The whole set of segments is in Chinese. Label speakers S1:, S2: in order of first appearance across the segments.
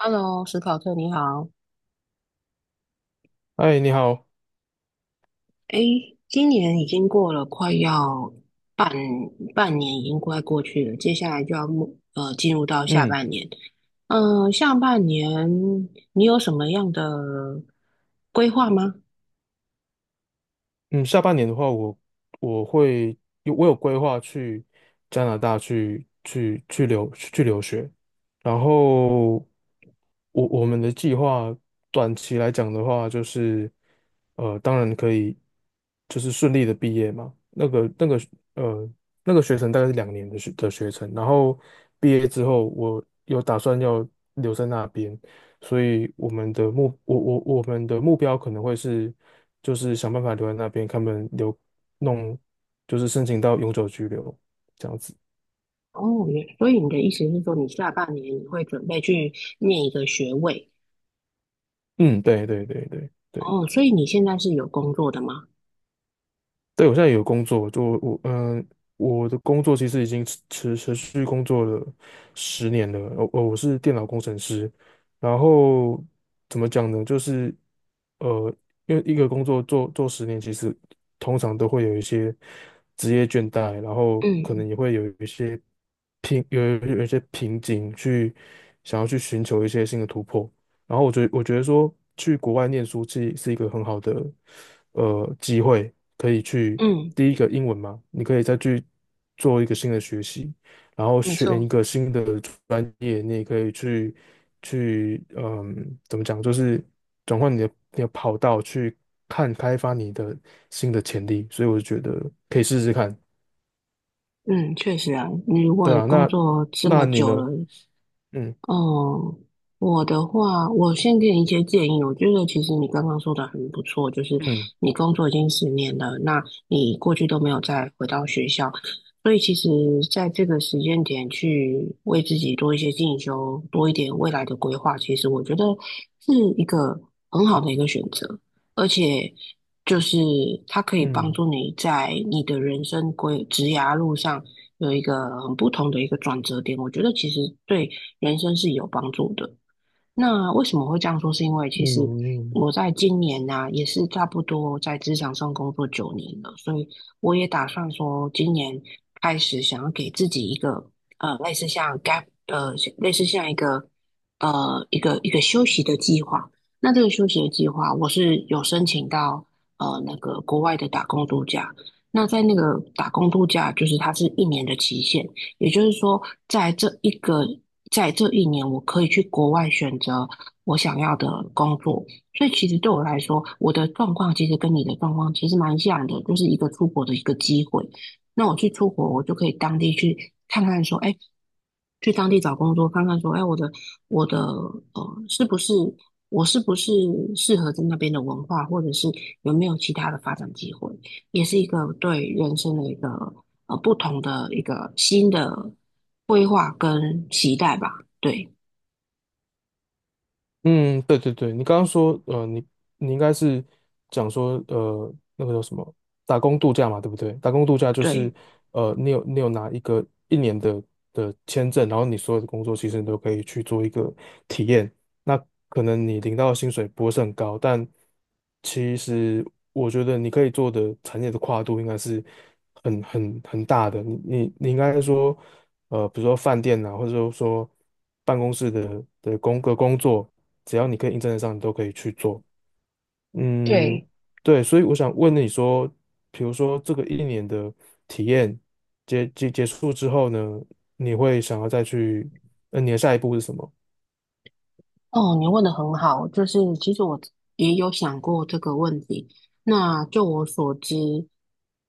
S1: Hello，史考特，你好。
S2: 哎，你好，
S1: 诶，今年已经过了，快要半半年，已经快过去了。接下来就要进入到下
S2: 嗯
S1: 半年。下半年你有什么样的规划吗？
S2: 嗯，下半年的话我会我有规划去加拿大去留学，然后我们的计划短期来讲的话，就是当然可以就是顺利的毕业嘛，呃那个学程大概是两年的学程，然后毕业之后我有打算要留在那边，所以我们的目标可能会是，就是想办法留在那边，他们留弄，就是申请到永久居留这样子。
S1: 哦，所以你的意思是说，你下半年你会准备去念一个学位？
S2: 嗯，对对对对对，
S1: 哦，所以你现在是有工作的吗？
S2: 对，我现在有工作，就我嗯、呃我的工作其实已经持续工作了十年了。我是电脑工程师，然后怎么讲呢？就是呃，因为一个工作做十年，其实通常都会有一些职业倦怠，然后可能也
S1: 嗯
S2: 会有一些瓶有有一些瓶颈去想要去寻求一些新的突破。然后我觉得说去国外念书是一个很好的机会，可以去
S1: 嗯，
S2: 第一个英文嘛，你可以再去做一个新的学习，然后
S1: 没
S2: 选一
S1: 错，
S2: 个新的专业，你也可以去去嗯怎么讲，就是转换你的跑道去开发你的新的潜力，所以我就觉得可以试试看，
S1: 嗯，确实啊，你如
S2: 对
S1: 果
S2: 啊，
S1: 工
S2: 那
S1: 作这
S2: 那
S1: 么
S2: 你
S1: 久了，
S2: 呢？
S1: 哦，我的话，我先给你一些建议。我觉得其实你刚刚说的很不错，就是
S2: 嗯
S1: 你工作已经10年了，那你过去都没有再回到学校，所以其实在这个时间点去为自己多一些进修，多一点未来的规划，其实我觉得是一个很好的一个选择，而且就是它可以帮
S2: 嗯
S1: 助你在你的人生职涯路上有一个很不同的一个转折点。我觉得其实对。人生是有帮助的。那为什么会这样说？是因为
S2: 嗯
S1: 其实
S2: 嗯嗯。
S1: 我在今年呢、也是差不多在职场上工作9年了，所以我也打算说，今年开始想要给自己一个类似像 gap，类似像一个一个休息的计划。那这个休息的计划，我是有申请到那个国外的打工度假。那在那个打工度假，就是它是一年的期限，也就是说，在这一个，在这一年，我可以去国外选择我想要的工作。所以其实对我来说，我的状况其实跟你的状况其实蛮像的，就是一个出国的一个机会。那我去出国，我就可以当地去看看，说，哎，去当地找工作，看看说，哎，我的呃，是不是我是不是适合在那边的文化，或者是有没有其他的发展机会？也是一个对人生的一个不同的一个新的规划跟期待吧。对
S2: 嗯，对对对，你刚刚说，你应该是讲说，那个叫什么打工度假嘛，对不对？打工度假就是，
S1: 对
S2: 你有拿一个一年的签证，然后你所有的工作其实你都可以去做一个体验。那可能你领到的薪水不会是很高，但其实我觉得你可以做的产业的跨度应该是很大的。你应该说，比如说饭店啊，或者说办公室的工作。只要你可以应征得上，你都可以去做。嗯，
S1: 对，
S2: 对，所以我想问你说，比如说这个一年的体验结束之后呢，你会想要再去，你的下一步是什么？
S1: 哦，你问的很好，就是其实我也有想过这个问题。那就我所知，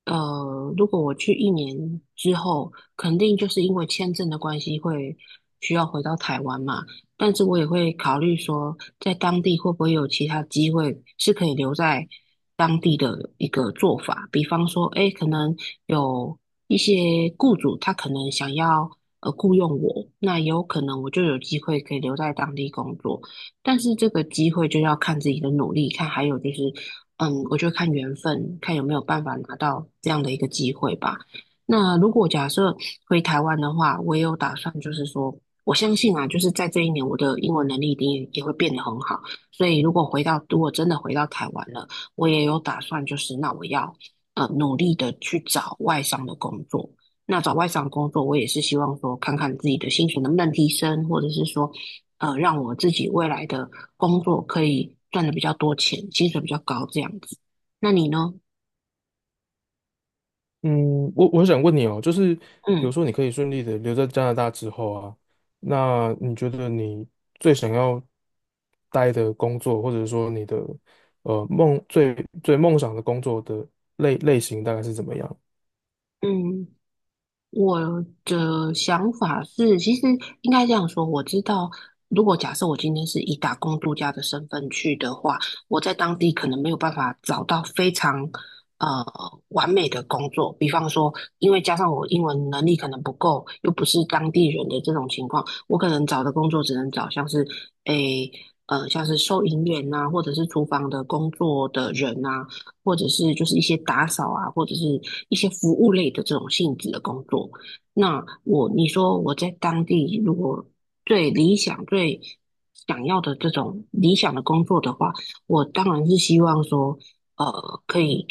S1: 如果我去一年之后，肯定就是因为签证的关系会需要回到台湾嘛。但是我也会考虑说，在当地会不会有其他机会是可以留在当地的一个做法，比方说，诶，可能有一些雇主他可能想要。雇佣我，那也有可能我就有机会可以留在当地工作。但是这个机会就要看自己的努力，看还有就是，嗯，我就看缘分，看有没有办法拿到这样的一个机会吧。那如果假设回台湾的话，我也有打算，就是说，我相信啊，就是在这一年，我的英文能力一定也会变得很好。所以如果回到，如果真的回到台湾了，我也有打算，就是那我要努力的去找外商的工作。那找外商工作，我也是希望说，看看自己的薪水能不能提升，或者是说，让我自己未来的工作可以赚的比较多钱，薪水比较高这样子。那你呢？
S2: 嗯，我想问你哦，就是比如
S1: 嗯
S2: 说你可以顺利的留在加拿大之后啊，那你觉得你最想要待的工作，或者说你的呃梦最最梦想的工作的类型大概是怎么样？
S1: 嗯。我的想法是，其实应该这样说，我知道，如果假设我今天是以打工度假的身份去的话，我在当地可能没有办法找到非常呃完美的工作。比方说，因为加上我英文能力可能不够，又不是当地人的这种情况，我可能找的工作只能找像是诶像是收银员呐、或者是厨房的工作的人呐、或者是就是一些打扫啊，或者是一些服务类的这种性质的工作。那我你说我在当地如果最理想、最想要的这种理想的工作的话，我当然是希望说，可以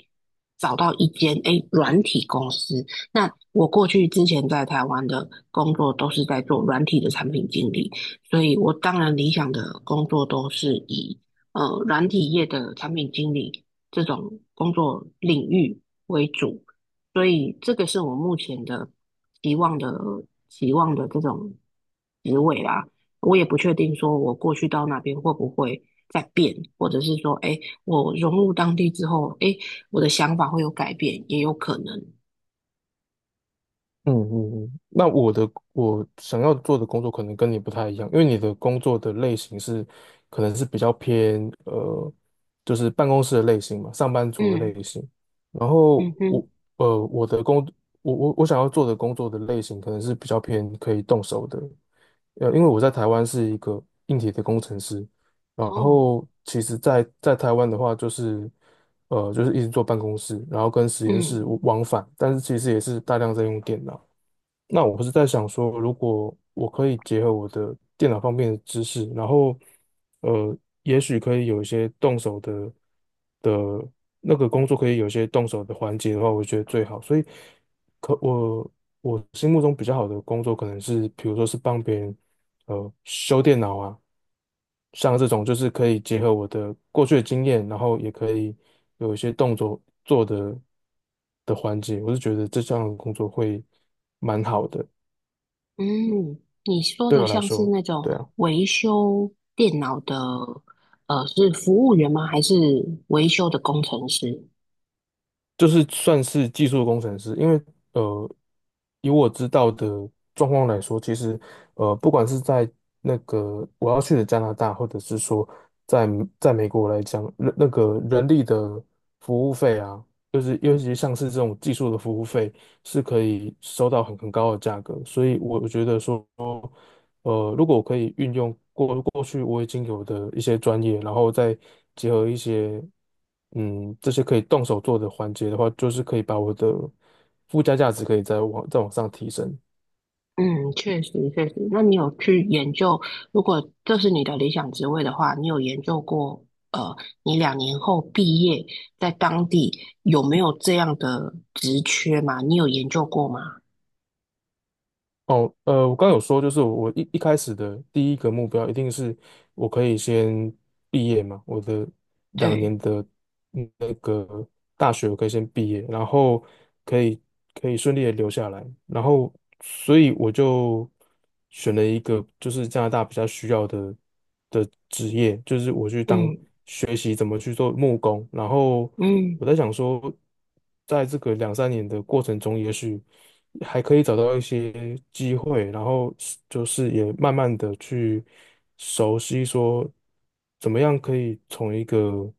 S1: 找到一间诶软体公司。那我过去之前在台湾的工作都是在做软体的产品经理，所以我当然理想的工作都是以软体业的产品经理这种工作领域为主，所以这个是我目前的期望的期望的这种职位啦。我也不确定说我过去到那边会不会再变，或者是说，哎，我融入当地之后，哎，我的想法会有改变，也有可能。
S2: 嗯嗯嗯，那我想要做的工作可能跟你不太一样，因为你的工作的类型是可能是比较偏就是办公室的类型嘛，上班族的
S1: 嗯
S2: 类型。然后
S1: 嗯哼，
S2: 呃我的工我想要做的工作的类型可能是比较偏可以动手的，因为我在台湾是一个硬体的工程师，然
S1: 哦，
S2: 后其实在台湾的话，就是一直做办公室，然后跟实验室
S1: 嗯
S2: 往返，但是其实也是大量在用电脑。那我不是在想说，如果我可以结合我的电脑方面的知识，然后呃，也许可以有一些动手的工作，可以有一些动手的环节的话，我觉得最好。所以可我我心目中比较好的工作，可能是比如说是帮别人修电脑啊，像这种就是可以结合我的过去的经验，然后也可以有一些动作做的环节，我是觉得这项工作会蛮好的，
S1: 嗯，你说
S2: 对
S1: 的
S2: 我来
S1: 像是
S2: 说，
S1: 那种
S2: 对啊。
S1: 维修电脑的，是服务员吗？还是维修的工程师？
S2: 就是算是技术工程师，因为呃，以我知道的状况来说，其实不管是在那个我要去的加拿大，或者是说在在美国来讲，那个人力的服务费啊，就是尤其像是这种技术的服务费，是可以收到很高的价格，所以我觉得说。如果我可以运用过去我已经有的一些专业，然后再结合一些，这些可以动手做的环节的话，就是可以把我的附加价值可以再往上提升。
S1: 嗯，确实确实。那你有去研究，如果这是你的理想职位的话，你有研究过，呃，你2年后毕业在当地有没有这样的职缺吗？你有研究过吗？
S2: 哦，我刚有说，就是我一开始的第一个目标一定是我可以先毕业嘛，我的两年
S1: 对，
S2: 的大学我可以先毕业，然后可以可以顺利的留下来，然后所以我就选了一个就是加拿大比较需要的职业，就是我去当
S1: 嗯
S2: 学习怎么去做木工，然后
S1: 嗯，
S2: 我在想说，在这个两三年的过程中，也许还可以找到一些机会，然后就是也慢慢的去熟悉说怎么样可以从一个，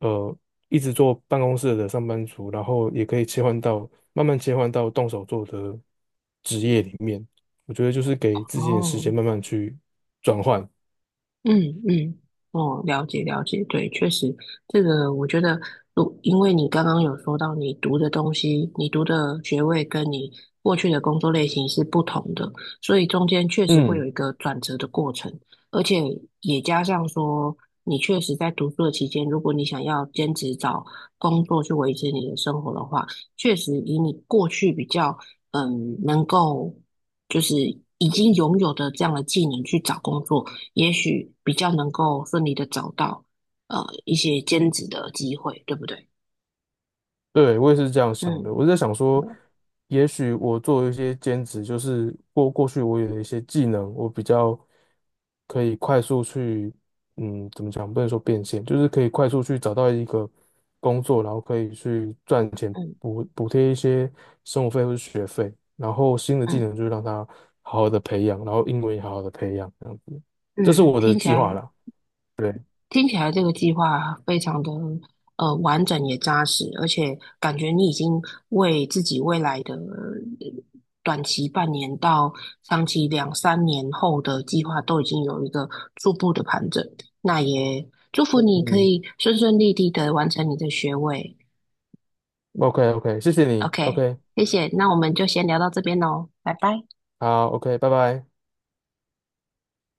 S2: 呃一直做办公室的上班族，然后也可以切换到慢慢切换到动手做的职业里面。我觉得就是给自己点时
S1: 哦。
S2: 间慢慢去转换。
S1: 嗯嗯，哦，了解了解，对，确实，这个我觉得，因为你刚刚有说到你读的东西，你读的学位跟你过去的工作类型是不同的，所以中间确实会有
S2: 嗯。
S1: 一个转折的过程，而且也加上说，你确实在读书的期间，如果你想要兼职找工作去维持你的生活的话，确实以你过去比较嗯能够就是已经拥有的这样的技能去找工作。也许比较能够顺利的找到一些兼职的机会，对不对？
S2: 对，我也是这样想的。
S1: 嗯
S2: 我在想说，也许我做一些兼职，就是过去我有一些技能，我比较可以快速去，怎么讲？不能说变现，就是可以快速去找到一个工作，然后可以去赚钱
S1: 嗯
S2: 补贴一些生活费或是学费，然后新的技
S1: 嗯
S2: 能就是让它好好的培养，然后英文也好好的培养，这样子，这是
S1: 嗯，
S2: 我的
S1: 听起
S2: 计划
S1: 来
S2: 啦。对，
S1: 听起来这个计划非常的完整也扎实，而且感觉你已经为自己未来的短期半年到长期两三年后的计划都已经有一个初步的盘整。那也祝福你可
S2: 嗯
S1: 以顺顺利利的完成你的学位。
S2: ，OK OK，谢谢你
S1: OK，
S2: ，OK，
S1: 谢谢，那我们就先聊到这边喽，拜拜。
S2: 好，OK，拜拜。